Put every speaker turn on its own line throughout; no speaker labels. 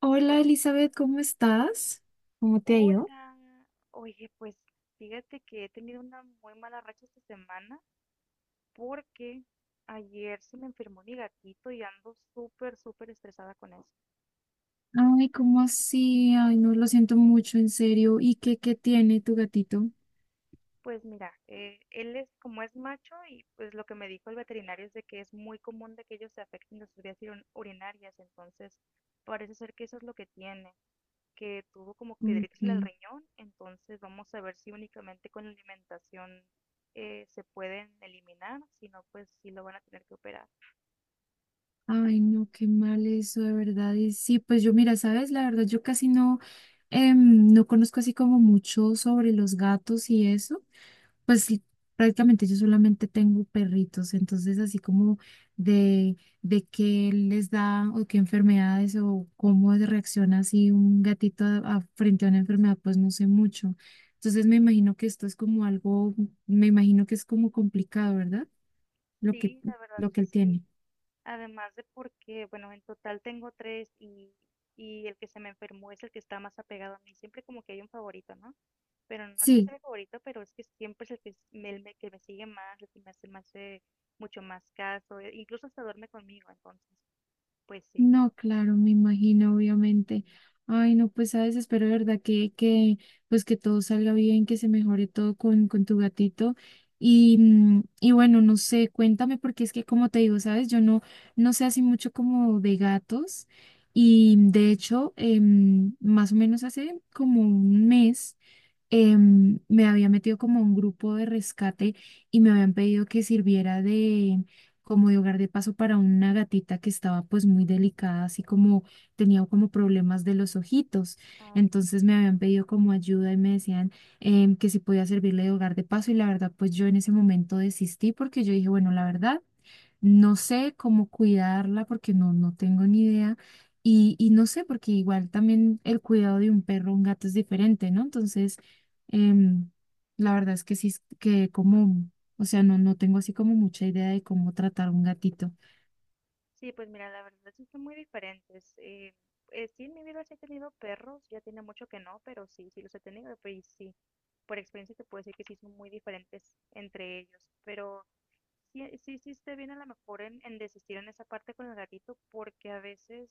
Hola
Hol-
Elizabeth, ¿cómo estás? ¿Cómo te ha ido?
Hola, oye, pues fíjate que he tenido una muy mala racha esta semana porque ayer se me enfermó mi gatito y ando súper, súper estresada con eso.
Ay, ¿cómo así? Ay, no, lo siento mucho, en serio. ¿Y qué tiene tu gatito?
Pues mira, él es como es macho y pues lo que me dijo el veterinario es de que es muy común de que ellos se afecten de sus vías urinarias, entonces parece ser que eso es lo que tiene, que tuvo como piedritas en el
Ok.
riñón. Entonces vamos a ver si únicamente con la alimentación se pueden eliminar, si no, pues sí lo van a tener que operar.
Ay, no, qué mal eso, de verdad. Y sí, pues yo, mira, sabes, la verdad, yo casi no, no conozco así como mucho sobre los gatos y eso. Pues sí, prácticamente yo solamente tengo perritos, entonces así como de, de qué les da o qué enfermedades o cómo reacciona así un gatito frente a una enfermedad, pues no sé mucho. Entonces me imagino que esto es como algo, me imagino que es como complicado, ¿verdad? Lo que,
Sí, la verdad
lo que
que
él
sí.
tiene.
Además de porque, bueno, en total tengo tres y el que se me enfermó es el que está más apegado a mí. Siempre como que hay un favorito, ¿no? Pero no es que sea
Sí.
mi favorito, pero es que siempre es el que, que me sigue más, el que me hace mucho más caso, incluso hasta duerme conmigo, entonces, pues sí.
No, claro, me imagino, obviamente. Ay, no, pues sabes, espero de verdad pues que todo salga bien, que se mejore todo con tu gatito. Y bueno, no sé, cuéntame, porque es que como te digo, sabes, yo no, no sé así mucho como de gatos. Y de hecho, más o menos hace como un mes me había metido como a un grupo de rescate y me habían pedido que sirviera de como de hogar de paso para una gatita que estaba pues muy delicada, así como tenía como problemas de los ojitos.
Ok.
Entonces me habían pedido como ayuda y me decían que si podía servirle de hogar de paso y la verdad pues yo en ese momento desistí porque yo dije, bueno, la verdad. No sé cómo cuidarla porque no, no tengo ni idea. Y no sé, porque igual también el cuidado de un perro o un gato es diferente, ¿no? Entonces, em, la verdad es que sí, es que como, o sea, no, no tengo así como mucha idea de cómo tratar un gatito.
Sí, pues mira, la verdad sí son muy diferentes. Sí, en mi vida sí he tenido perros, ya tiene mucho que no, pero sí, sí los he tenido, pero y sí, por experiencia te puedo decir que sí son muy diferentes entre ellos. Pero sí, sí hiciste bien a lo mejor en desistir en esa parte con el gatito, porque a veces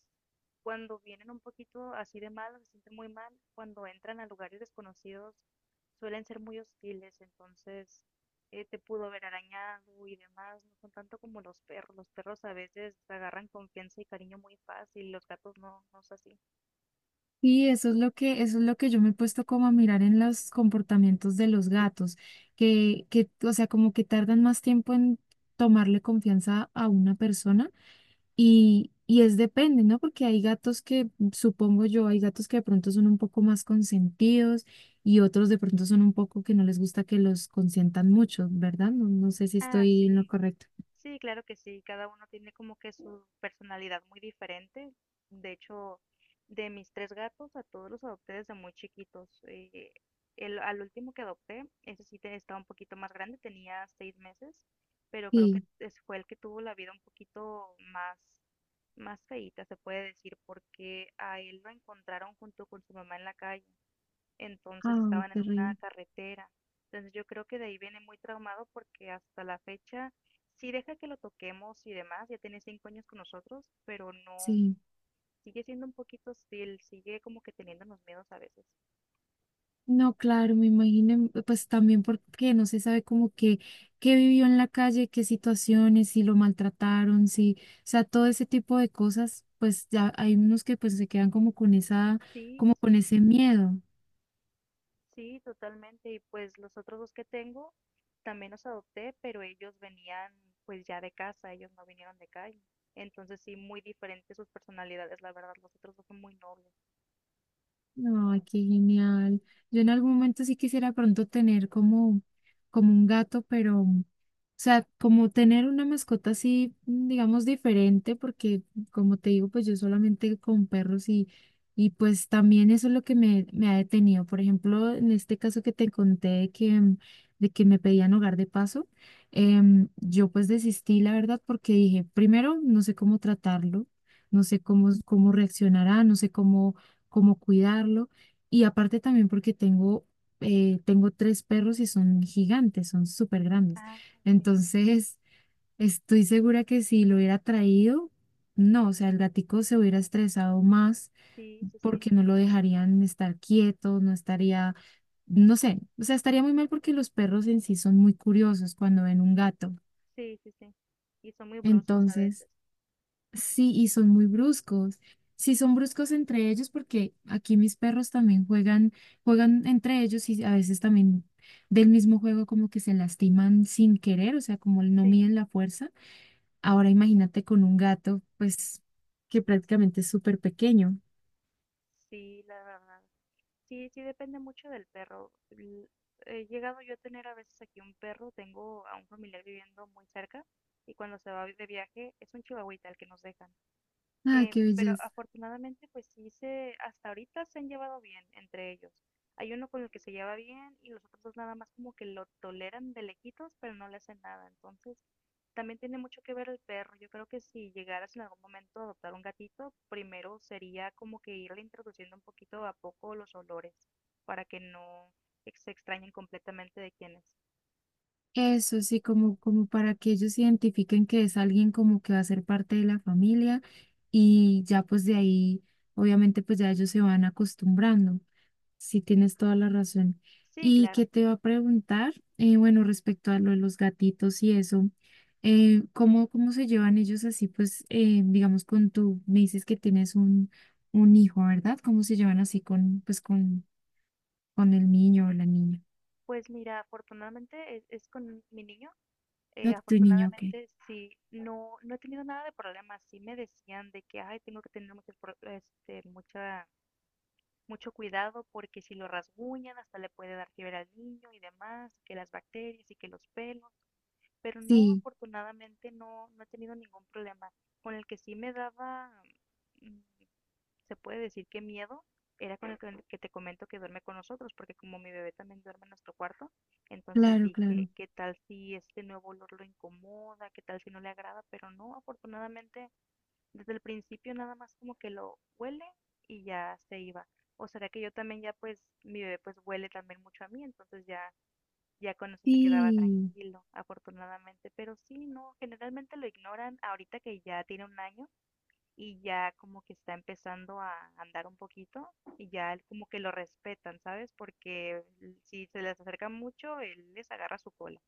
cuando vienen un poquito así de mal, se sienten muy mal, cuando entran a lugares desconocidos suelen ser muy hostiles. Entonces te pudo haber arañado y demás, no son tanto como los perros a veces agarran confianza y cariño muy fácil, los gatos no, no es así.
Y eso es lo que, eso es lo que yo me he puesto como a mirar en los comportamientos de los gatos, o sea, como que tardan más tiempo en tomarle confianza a una persona. Y es depende, ¿no? Porque hay gatos que, supongo yo, hay gatos que de pronto son un poco más consentidos y otros de pronto son un poco que no les gusta que los consientan mucho, ¿verdad? No, no sé si
Ah,
estoy
sí,
en lo correcto.
sí, claro que sí, cada uno tiene como que su personalidad muy diferente. De hecho, de mis tres gatos, a todos los adopté desde muy chiquitos. El, al último que adopté, ese sí estaba un poquito más grande, tenía seis meses, pero creo que
Sí.
fue el que tuvo la vida un poquito más, más feíta, se puede decir, porque a él lo encontraron junto con su mamá en la calle, entonces
Ay,
estaban en una
terrible.
carretera. Entonces yo creo que de ahí viene muy traumado porque hasta la fecha sí deja que lo toquemos y demás, ya tiene cinco años con nosotros, pero no,
Sí.
sigue siendo un poquito hostil, sigue como que teniendo los miedos a veces.
No, claro, me imagino, pues también porque no se sabe como que qué vivió en la calle, qué situaciones, si lo maltrataron, si, o sea, todo ese tipo de cosas, pues ya hay unos que pues se quedan como con esa,
Sí,
como
sí,
con
sí,
ese miedo.
sí, totalmente. Y pues los otros dos que tengo también los adopté, pero ellos venían pues ya de casa, ellos no vinieron de calle. Entonces sí, muy diferentes sus personalidades, la verdad, los otros dos son muy nobles.
Ay, qué genial. Yo en algún momento sí quisiera pronto tener como, como un gato, pero o sea, como tener una mascota así, digamos, diferente, porque como te digo, pues yo solamente con perros y pues también eso es lo que me ha detenido. Por ejemplo, en este caso que te conté de que, de que me pedían hogar de paso, yo pues desistí, la verdad, porque dije, primero, no sé cómo tratarlo, no sé cómo reaccionará, no sé cómo cuidarlo. Y aparte también porque tengo, tengo tres perros y son gigantes, son súper grandes.
Ah, ok.
Entonces, estoy segura que si lo hubiera traído, no, o sea, el gatico se hubiera estresado más
Sí, sí, sí.
porque no lo dejarían estar quieto, no estaría, no sé, o sea, estaría muy mal porque los perros en sí son muy curiosos cuando ven un gato.
Sí, sí, sí. Y son muy bruscos a
Entonces,
veces.
sí, y son muy bruscos. Sí, son bruscos entre ellos porque aquí mis perros también juegan entre ellos y a veces también del mismo juego como que se lastiman sin querer, o sea, como no
Sí,
miden la fuerza. Ahora imagínate con un gato, pues, que prácticamente es súper pequeño.
sí, la verdad. Sí, sí, depende mucho del perro. He llegado yo a tener a veces aquí un perro, tengo a un familiar viviendo muy cerca y cuando se va de viaje es un chihuahuita el que nos dejan.
Ah, qué
Pero
belleza.
afortunadamente, hasta ahorita se han llevado bien entre ellos. Hay uno con el que se lleva bien y los otros dos nada más como que lo toleran de lejitos, pero no le hacen nada. Entonces, también tiene mucho que ver el perro. Yo creo que si llegaras en algún momento a adoptar un gatito, primero sería como que irle introduciendo un poquito a poco los olores para que no se extrañen completamente de quién es.
Eso sí, como para que ellos identifiquen que es alguien como que va a ser parte de la familia y ya pues de ahí, obviamente pues ya ellos se van acostumbrando. Sí, tienes toda la razón.
Sí,
¿Y
claro.
qué te va a preguntar? Bueno, respecto a lo de los gatitos y eso, Cómo se llevan ellos así? Pues, digamos, con tu, me dices que tienes un hijo, ¿verdad? ¿Cómo se llevan así con, pues, con el niño o la niña?
Pues mira, afortunadamente es con mi niño.
No, tu niño, ok.
Afortunadamente sí, no, no he tenido nada de problemas. Sí me decían de que, ay, tengo que tener mucho pro- este, mucha, mucho cuidado porque si lo rasguñan hasta le puede dar fiebre al niño y demás, que las bacterias y que los pelos. Pero no,
Sí,
afortunadamente no, no he tenido ningún problema. Con el que sí me daba, mm, se puede decir que miedo, era con el que te comento que duerme con nosotros, porque como mi bebé también duerme en nuestro cuarto, entonces
claro, claro.
dije, ¿qué tal si este nuevo olor lo incomoda? ¿Qué tal si no le agrada? Pero no, afortunadamente, desde el principio nada más como que lo huele y ya se iba. O será que yo también ya pues, mi bebé pues huele también mucho a mí, entonces ya con eso se quedaba
Sí.
tranquilo, afortunadamente. Pero sí, no, generalmente lo ignoran ahorita que ya tiene un año y ya como que está empezando a andar un poquito y ya él como que lo respetan, ¿sabes? Porque si se les acerca mucho, él les agarra su cola.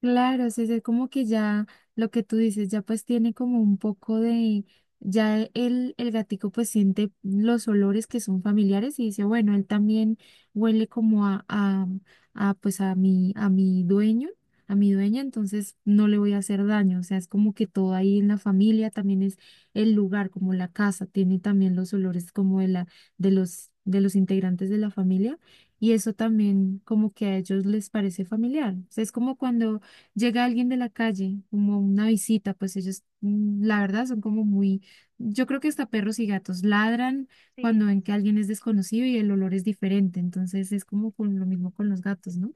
Claro, sí, es como que ya lo que tú dices, ya pues tiene como un poco de, ya el gatico pues siente los olores que son familiares y dice, bueno, él también huele como a, pues a mi dueño, a mi dueña, entonces no le voy a hacer daño, o sea, es como que todo ahí en la familia también es el lugar, como la casa, tiene también los olores como de los integrantes de la familia. Y eso también como que a ellos les parece familiar. O sea, es como cuando llega alguien de la calle, como una visita, pues ellos, la verdad, son como muy, yo creo que hasta perros y gatos ladran
Sí,
cuando ven
sí,
que
sí.
alguien es desconocido y el olor es diferente, entonces es como con lo mismo con los gatos, ¿no?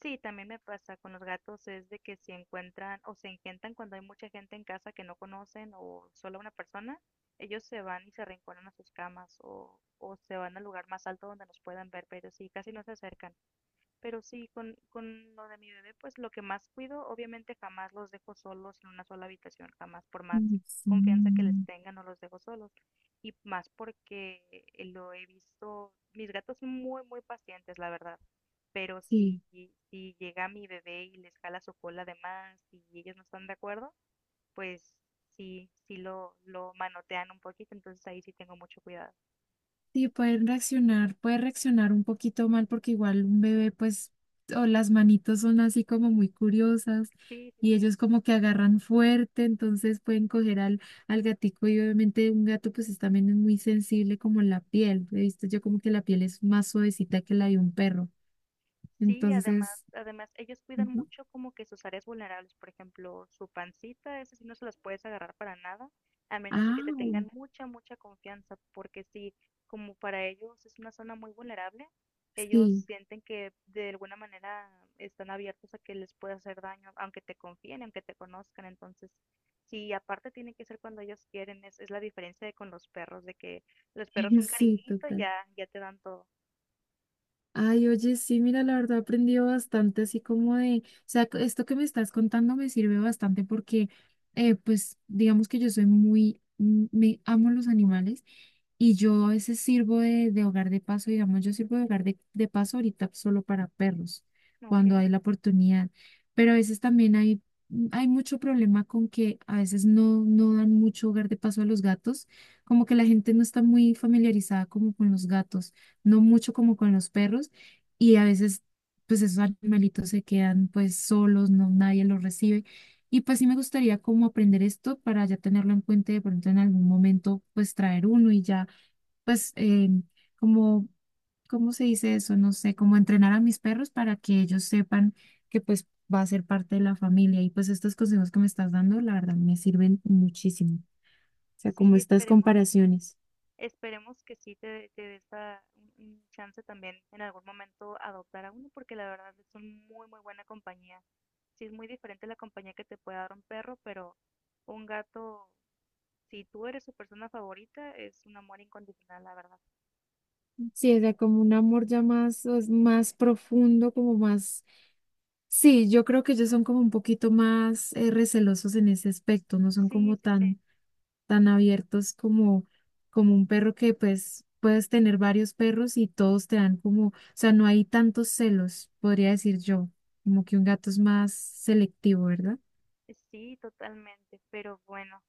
Sí, también me pasa con los gatos es de que si encuentran o se engentan cuando hay mucha gente en casa que no conocen o solo una persona, ellos se van y se arrinconan a sus camas o se van al lugar más alto donde nos puedan ver, pero sí, casi no se acercan. Pero sí, con lo de mi bebé, pues lo que más cuido, obviamente jamás los dejo solos en una sola habitación, jamás, por más
Mm,
confianza que les tenga, no los dejo solos. Y más porque lo he visto, mis gatos son muy, muy pacientes, la verdad. Pero
sí,
si llega mi bebé y les jala su cola de más y ellos no están de acuerdo, pues sí, lo manotean un poquito, entonces ahí sí tengo mucho cuidado.
sí, pueden reaccionar, puede reaccionar un poquito mal porque igual un bebé, pues, o las manitos son así como muy curiosas
Sí, sí,
y
sí.
ellos como que agarran fuerte, entonces pueden coger al gatico y obviamente un gato pues también es muy sensible como la piel. He visto yo como que la piel es más suavecita que la de un perro.
Sí, además,
Entonces,
además, ellos cuidan
ujú.
mucho como que sus áreas vulnerables, por ejemplo, su pancita, esas sí no se las puedes agarrar para nada, a menos de que te
Ah,
tengan mucha, mucha confianza, porque sí, como para ellos es una zona muy vulnerable, ellos
sí,
sienten que de alguna manera están abiertos a que les pueda hacer daño, aunque te confíen, aunque te conozcan. Entonces, sí, aparte tiene que ser cuando ellos quieren, es la diferencia de con los perros, de que los perros un
sí,
cariñito
total.
ya te dan todo.
Ay, oye, sí, mira, la verdad he aprendido bastante, así como de, o sea, esto que me estás contando me sirve bastante porque, pues, digamos que yo soy me amo los animales y yo a veces sirvo de hogar de paso, digamos, yo sirvo de hogar de paso ahorita solo para perros,
Ok,
cuando hay la oportunidad, pero a veces también hay, hay mucho problema con que a veces no, no dan mucho hogar de paso a los gatos, como que la gente no está muy familiarizada como con los gatos no mucho como con los perros, y a veces pues esos animalitos se quedan pues solos, no nadie los recibe. Y pues sí me gustaría como aprender esto para ya tenerlo en cuenta y de pronto en algún momento pues traer uno y ya pues como, ¿cómo se dice eso? No sé, como entrenar a mis perros para que ellos sepan que pues va a ser parte de la familia. Y pues estos consejos que me estás dando, la verdad, me sirven muchísimo. O sea, como
sí,
estas
esperemos.
comparaciones.
Esperemos que sí te dé esa, un chance también en algún momento adoptar a uno, porque la verdad es un muy, muy buena compañía. Sí es muy diferente la compañía que te puede dar un perro, pero un gato, si tú eres su persona favorita, es un amor incondicional, la verdad.
Sí, o sea, como un amor ya más, es más profundo, como más... Sí, yo creo que ellos son como un poquito más recelosos en ese aspecto, no son
Sí,
como
sí, sí,
tan, tan abiertos como un perro que pues puedes tener varios perros y todos te dan como, o sea, no hay tantos celos, podría decir yo, como que un gato es más selectivo, ¿verdad?
sí, totalmente. Pero bueno,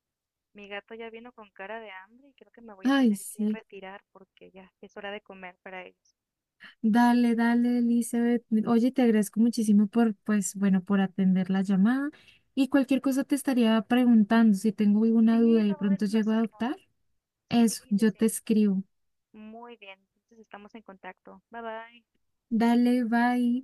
mi gato ya vino con cara de hambre y creo que me voy a
Ay,
tener que
sí.
retirar porque ya es hora de comer para ellos.
Dale, dale, Elizabeth. Oye, te agradezco muchísimo por, pues, bueno, por atender la llamada. Y cualquier cosa te estaría preguntando si tengo alguna
Sí,
duda y de
no
pronto
dudes en
llego a
hacerlo.
adoptar.
Sí,
Eso,
sí,
yo
sí.
te escribo.
Muy bien, entonces estamos en contacto. Bye bye.
Dale, bye.